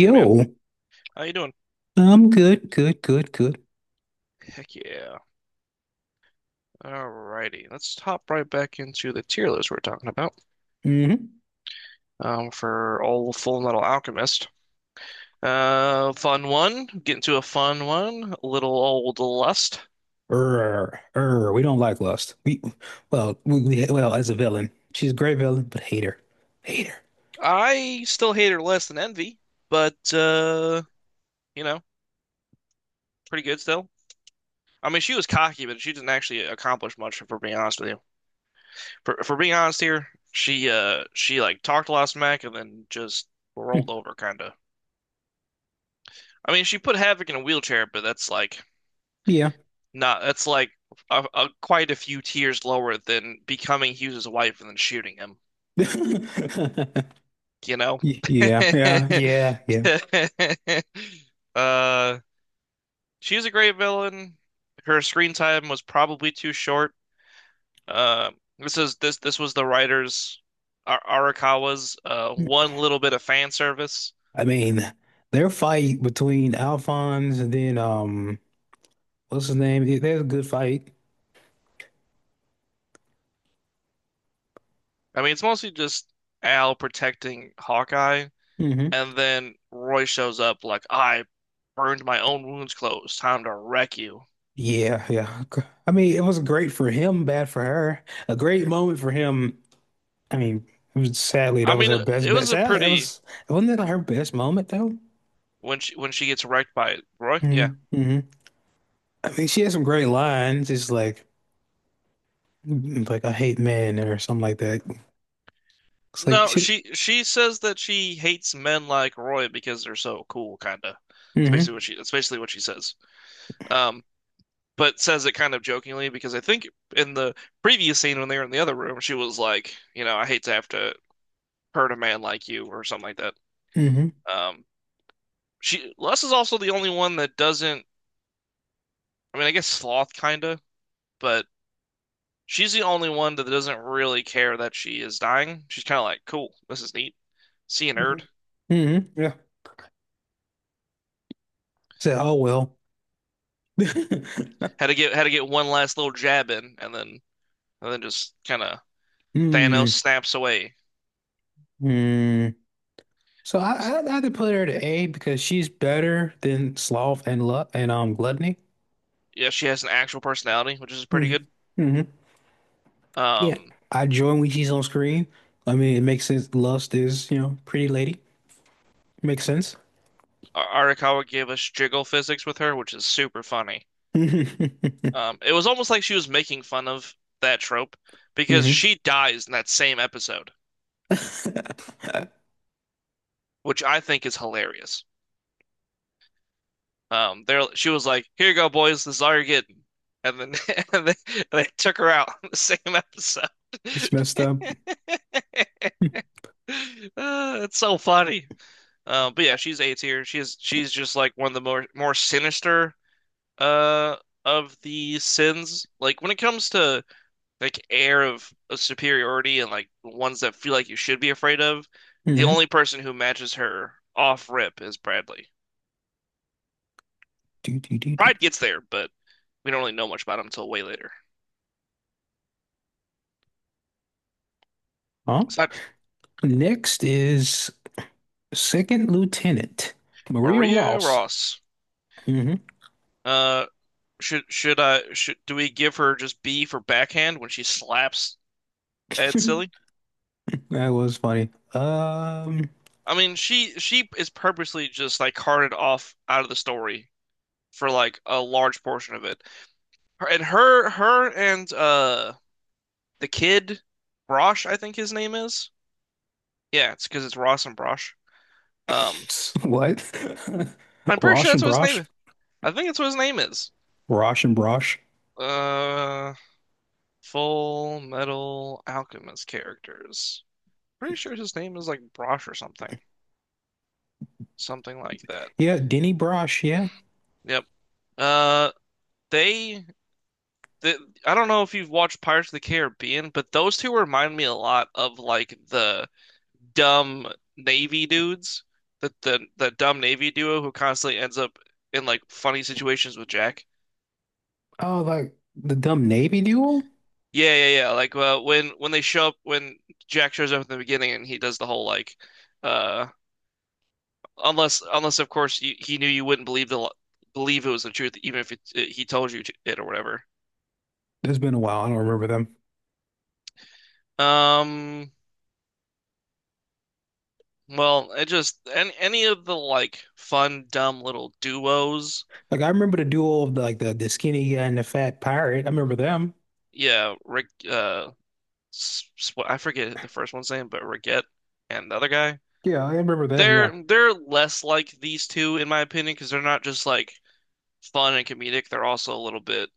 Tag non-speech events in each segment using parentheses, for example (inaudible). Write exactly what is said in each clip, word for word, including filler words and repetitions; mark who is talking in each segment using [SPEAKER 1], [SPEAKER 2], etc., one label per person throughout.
[SPEAKER 1] Hey man, how you doing?
[SPEAKER 2] I'm good, good, good, good.
[SPEAKER 1] Heck yeah. Alrighty, let's hop right back into the tier list we're talking about
[SPEAKER 2] Hmm.
[SPEAKER 1] um, for old Full Metal Alchemist. Uh, fun one. Get into a fun one. Little old Lust.
[SPEAKER 2] Err, err, we don't like Lust. We, well, we, we, well, as a villain, she's a great villain, but hate her, hate her.
[SPEAKER 1] I still hate her less than Envy, but uh, you know, pretty good still. I mean, she was cocky, but she didn't actually accomplish much. If we're being honest with you, for for being honest here, she uh she like talked a lot of smack and then just
[SPEAKER 2] Hmm.
[SPEAKER 1] rolled over, kind of. I mean, she put Havoc in a wheelchair, but that's like
[SPEAKER 2] Yeah.
[SPEAKER 1] no, that's like a, a, quite a few tiers lower than becoming Hughes's wife and then shooting him,
[SPEAKER 2] (laughs)
[SPEAKER 1] you know?
[SPEAKER 2] Y- yeah, yeah, yeah, yeah.
[SPEAKER 1] (laughs) Uh, she's a great villain. Her screen time was probably too short. Uh, this is this this was the writers Ar Arakawa's uh, one little bit of fan service.
[SPEAKER 2] I mean, their fight between Alphonse and then um, what's his name? It- There's a good fight.
[SPEAKER 1] I mean, it's mostly just Al protecting Hawkeye,
[SPEAKER 2] Hmm.
[SPEAKER 1] and then Roy shows up like, I burned my own wounds closed. Time to wreck you.
[SPEAKER 2] Yeah, yeah. I mean, it was great for him, bad for her. A great moment for him. I mean, it was, sadly,
[SPEAKER 1] I
[SPEAKER 2] that was
[SPEAKER 1] mean,
[SPEAKER 2] her best
[SPEAKER 1] it
[SPEAKER 2] bet.
[SPEAKER 1] was a
[SPEAKER 2] Sadly, that
[SPEAKER 1] pretty
[SPEAKER 2] was — wasn't that her best moment though?
[SPEAKER 1] when she when she gets wrecked by it, Roy.
[SPEAKER 2] Hmm.
[SPEAKER 1] Yeah.
[SPEAKER 2] Hmm. I mean, she had some great lines. It's like, like I hate men or something like that. It's like
[SPEAKER 1] No,
[SPEAKER 2] she.
[SPEAKER 1] she she says that she hates men like Roy because they're so cool, kinda. It's
[SPEAKER 2] Hmm.
[SPEAKER 1] basically what she that's basically what she says. Um, but says it kind of jokingly because I think in the previous scene when they were in the other room, she was like, you know, I hate to have to hurt a man like you or something like that.
[SPEAKER 2] Hmm.
[SPEAKER 1] Um, she Les is also the only one that doesn't. I mean, I guess sloth kinda, but she's the only one that doesn't really care that she is dying. She's kind of like, cool, this is neat. See you,
[SPEAKER 2] Hmm.
[SPEAKER 1] nerd.
[SPEAKER 2] Hmm. Yeah. Said, oh well. (laughs)
[SPEAKER 1] Had to get had to get one last little jab in, and then and then just kind of Thanos
[SPEAKER 2] Mm,
[SPEAKER 1] snaps away.
[SPEAKER 2] mm. So I, I I had to put her to A because she's better than Sloth and Lu and um Gluttony.
[SPEAKER 1] Yeah, she has an actual personality, which is pretty
[SPEAKER 2] Mm-hmm.
[SPEAKER 1] good.
[SPEAKER 2] Mm-hmm. Yeah,
[SPEAKER 1] Um,
[SPEAKER 2] I join when she's on screen. I mean, it makes sense. Lust is, you know, pretty lady. Makes sense.
[SPEAKER 1] Ar- Arakawa gave us jiggle physics with her, which is super funny.
[SPEAKER 2] (laughs)
[SPEAKER 1] Um, it was almost like she was making fun of that trope because
[SPEAKER 2] Hmm. (laughs)
[SPEAKER 1] she dies in that same episode, which I think is hilarious. Um, there she was like, "Here you go, boys. This is all you're getting." And then (laughs) and they, they took her out (laughs) in the same episode.
[SPEAKER 2] It's
[SPEAKER 1] (laughs)
[SPEAKER 2] messed up.
[SPEAKER 1] Uh, it's so funny. Um, but yeah, she's A tier. She's she's just like one of the more more sinister uh of the sins. Like when it comes to like air of, of superiority and like ones that feel like you should be afraid of, the
[SPEAKER 2] Hmm.
[SPEAKER 1] only person who matches her off rip is Bradley.
[SPEAKER 2] Do, do, do, do.
[SPEAKER 1] Pride gets there, but we don't really know much about him until way later.
[SPEAKER 2] Huh?
[SPEAKER 1] It's not
[SPEAKER 2] Next is Second Lieutenant Maria
[SPEAKER 1] Maria
[SPEAKER 2] Ross.
[SPEAKER 1] Ross.
[SPEAKER 2] Hmm.
[SPEAKER 1] Uh, should should I should do we give her just B for backhand when she slaps Ed
[SPEAKER 2] (laughs)
[SPEAKER 1] Silly?
[SPEAKER 2] That was funny. Um,
[SPEAKER 1] I mean, she she is purposely just like carted off out of the story for like a large portion of it. Her, and her her and uh the kid Brosh, I think his name is. Yeah, it's because it's Ross and Brosh. Um,
[SPEAKER 2] (laughs) what?
[SPEAKER 1] I'm
[SPEAKER 2] (laughs)
[SPEAKER 1] pretty sure
[SPEAKER 2] Rosh
[SPEAKER 1] that's
[SPEAKER 2] and
[SPEAKER 1] what his name
[SPEAKER 2] Brosh?
[SPEAKER 1] is. I think that's what his name is.
[SPEAKER 2] Rosh and Brosh?
[SPEAKER 1] Uh, Full Metal Alchemist characters. Pretty sure his name is like Brosh or something, something like that.
[SPEAKER 2] Yeah, Denny Brosh. Yeah.
[SPEAKER 1] Yep. Uh, they, the I don't know if you've watched Pirates of the Caribbean, but those two remind me a lot of like the dumb Navy dudes, the the the dumb Navy duo who constantly ends up in like funny situations with Jack.
[SPEAKER 2] Oh, like the dumb Navy duo?
[SPEAKER 1] Yeah, yeah, yeah. Like uh, when when they show up, when Jack shows up in the beginning, and he does the whole like, uh, Unless, unless of course you, he knew you wouldn't believe the believe it was the truth, even if it, it- he told you to, it or whatever.
[SPEAKER 2] It's been a while. I don't remember them.
[SPEAKER 1] Um, well, it just any any of the like fun, dumb little duos.
[SPEAKER 2] Like I remember the duo of the, like the the skinny guy and the fat pirate. I remember them.
[SPEAKER 1] Yeah, Rick. Uh, sw- I forget the first one's name, but Rickett and the other guy.
[SPEAKER 2] Yeah, I remember them. Yeah.
[SPEAKER 1] They're they're less like these two in my opinion because they're not just like fun and comedic. They're also a little bit.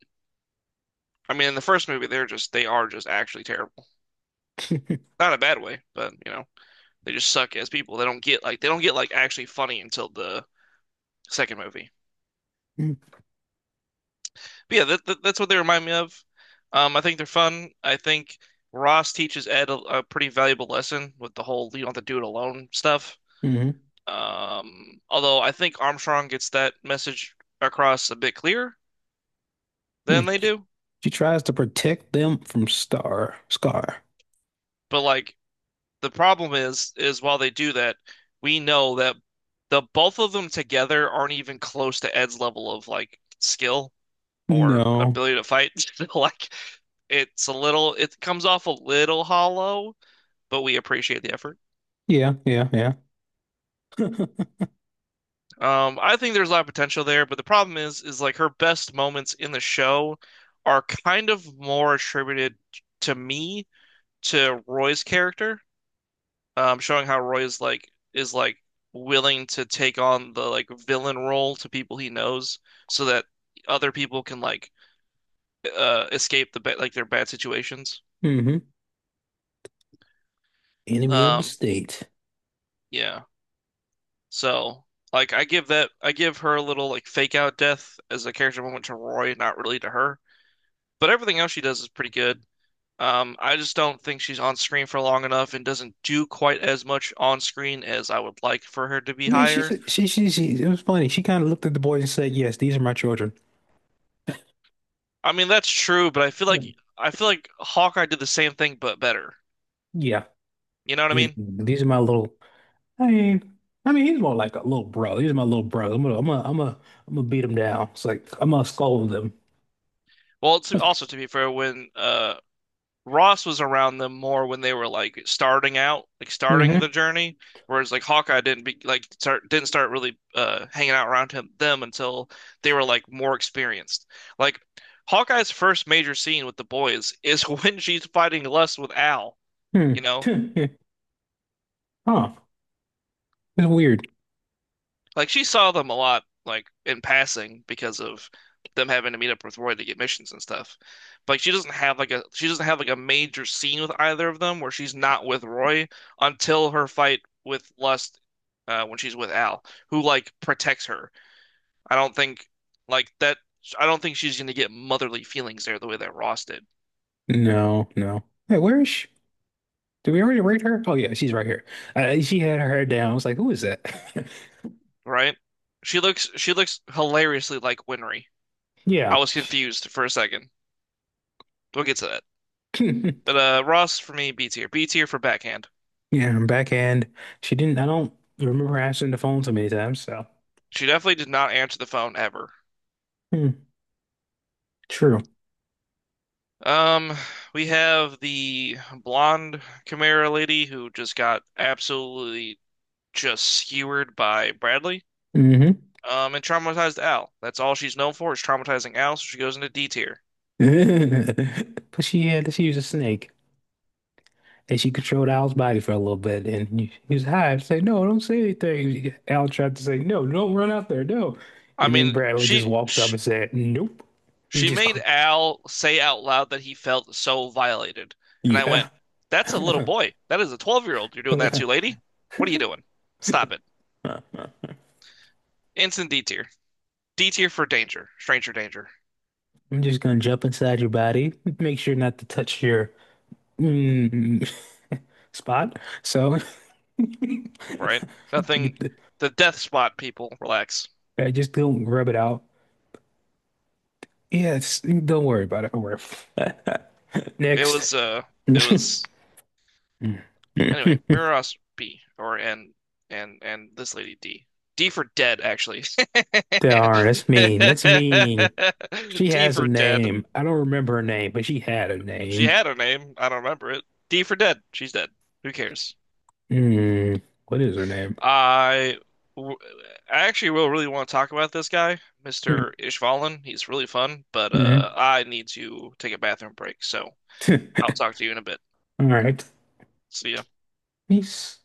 [SPEAKER 1] I mean, in the first movie, they're just they are just actually terrible.
[SPEAKER 2] (laughs)
[SPEAKER 1] Not a bad way, but you know. They just suck as people. They don't get like they don't get like actually funny until the second movie. But yeah, that, that, that's what they remind me of. Um, I think they're fun. I think Ross teaches Ed a, a pretty valuable lesson with the whole you don't have to do it alone stuff.
[SPEAKER 2] Hmm.
[SPEAKER 1] Um, although I think Armstrong gets that message across a bit clearer than they do.
[SPEAKER 2] She tries to protect them from Star Scar.
[SPEAKER 1] But like the problem is is while they do that, we know that the both of them together aren't even close to Ed's level of like skill. Or
[SPEAKER 2] No.
[SPEAKER 1] ability to fight. (laughs) Like it's a little, it comes off a little hollow, but we appreciate the effort.
[SPEAKER 2] Yeah. Yeah. Yeah. (laughs)
[SPEAKER 1] Um, I think there's a lot of potential there, but the problem is, is like her best moments in the show are kind of more attributed to me to Roy's character, um, showing how Roy is like is like willing to take on the like villain role to people he knows, so that other people can like uh, escape the ba- like their bad situations.
[SPEAKER 2] Hmm. Enemy of the
[SPEAKER 1] Um,
[SPEAKER 2] state.
[SPEAKER 1] yeah. So, like, I give that, I give her a little like fake out death as a character moment to Roy, not really to her. But everything else she does is pretty good. Um, I just don't think she's on screen for long enough and doesn't do quite as much on screen as I would like for her to be
[SPEAKER 2] I mean, she
[SPEAKER 1] higher.
[SPEAKER 2] said- she she she. It was funny. She kind of looked at the boys and said, "Yes, these are my children."
[SPEAKER 1] I mean, that's true, but I feel
[SPEAKER 2] Yeah.
[SPEAKER 1] like I feel like Hawkeye did the same thing but better.
[SPEAKER 2] Yeah.
[SPEAKER 1] You know what I
[SPEAKER 2] these
[SPEAKER 1] mean?
[SPEAKER 2] these are my little — I mean, I mean, he's more like a little bro. He's my little brother. I'm gonna, I'm gonna, I'm gonna, I'm gonna beat him down. It's like I'm gonna scold him.
[SPEAKER 1] Well, to, also to be fair, when uh Ross was around them more when they were like starting out, like starting the
[SPEAKER 2] Mm-hmm.
[SPEAKER 1] journey, whereas like Hawkeye didn't be like start didn't start really uh hanging out around him them until they were like more experienced. Like Hawkeye's first major scene with the boys is (laughs) when she's fighting lust with Al, you know?
[SPEAKER 2] Hmm. (laughs) Huh. It's weird.
[SPEAKER 1] Like she saw them a lot, like in passing because of them having to meet up with Roy to get missions and stuff. But like, she doesn't have like a she doesn't have like a major scene with either of them where she's not with Roy until her fight with Lust uh, when she's with Al, who like protects her. I don't think like that. I don't think she's gonna get motherly feelings there the way that Ross did,
[SPEAKER 2] No, no. Hey, where is she? Did we already rate her? Oh yeah, she's right here. Uh, she had her hair down. I was like, who is that? (laughs)
[SPEAKER 1] right? She looks she looks hilariously like Winry.
[SPEAKER 2] Yeah.
[SPEAKER 1] I was
[SPEAKER 2] She-
[SPEAKER 1] confused for a second. We'll get to that. But
[SPEAKER 2] (laughs)
[SPEAKER 1] uh, Ross for me, B tier. B tier for backhand.
[SPEAKER 2] Yeah, her backhand. She didn't. I don't remember her answering the phone so many times. So,
[SPEAKER 1] She definitely did not answer the phone ever.
[SPEAKER 2] hmm, true.
[SPEAKER 1] Um, we have the blonde Chimera lady who just got absolutely just skewered by Bradley.
[SPEAKER 2] Hmm.
[SPEAKER 1] Um, and traumatized Al. That's all she's known for is traumatizing Al, so she goes into D tier.
[SPEAKER 2] (laughs) But she had. She was a snake. And she controlled Al's body for a little bit, and he he was high. I'd say, "No, don't say anything." Al tried to say, "No, don't run out there, no."
[SPEAKER 1] I
[SPEAKER 2] And then
[SPEAKER 1] mean,
[SPEAKER 2] Bradley just
[SPEAKER 1] she,
[SPEAKER 2] walked up
[SPEAKER 1] she
[SPEAKER 2] and said, "Nope," and
[SPEAKER 1] she
[SPEAKER 2] just,
[SPEAKER 1] made
[SPEAKER 2] cl-
[SPEAKER 1] Al say out loud that he felt so violated, and I
[SPEAKER 2] "Yeah,
[SPEAKER 1] went, "That's a
[SPEAKER 2] (laughs)
[SPEAKER 1] little boy. That is a twelve-year-old. You're doing that
[SPEAKER 2] I'm
[SPEAKER 1] to, lady. What are you doing? Stop it." Instant D tier. D tier for danger, stranger danger.
[SPEAKER 2] just gonna jump inside your body. Make sure not to touch your mm, (laughs) spot." So, (laughs)
[SPEAKER 1] Right? Nothing.
[SPEAKER 2] get the-
[SPEAKER 1] The death spot people, relax.
[SPEAKER 2] I just don't rub it out. Yes, don't worry about it. Don't worry. (laughs)
[SPEAKER 1] It
[SPEAKER 2] Next.
[SPEAKER 1] was uh, it was anyway.
[SPEAKER 2] (laughs) (laughs)
[SPEAKER 1] Miraros B or and and and this lady D. D for dead, actually.
[SPEAKER 2] They are. That's mean. That's mean. She
[SPEAKER 1] (laughs) D
[SPEAKER 2] has a
[SPEAKER 1] for dead.
[SPEAKER 2] name. I don't remember her name, but she had a
[SPEAKER 1] She
[SPEAKER 2] name.
[SPEAKER 1] had a name. I don't remember it. D for dead. She's dead. Who cares?
[SPEAKER 2] Hmm. What is her name?
[SPEAKER 1] I w- I actually will really want to talk about this guy, mister Ishvalan. He's really fun, but
[SPEAKER 2] Mm-hmm.
[SPEAKER 1] uh, I need to take a bathroom break, so I'll
[SPEAKER 2] (laughs)
[SPEAKER 1] talk to you in a bit.
[SPEAKER 2] All right.
[SPEAKER 1] See ya.
[SPEAKER 2] Peace.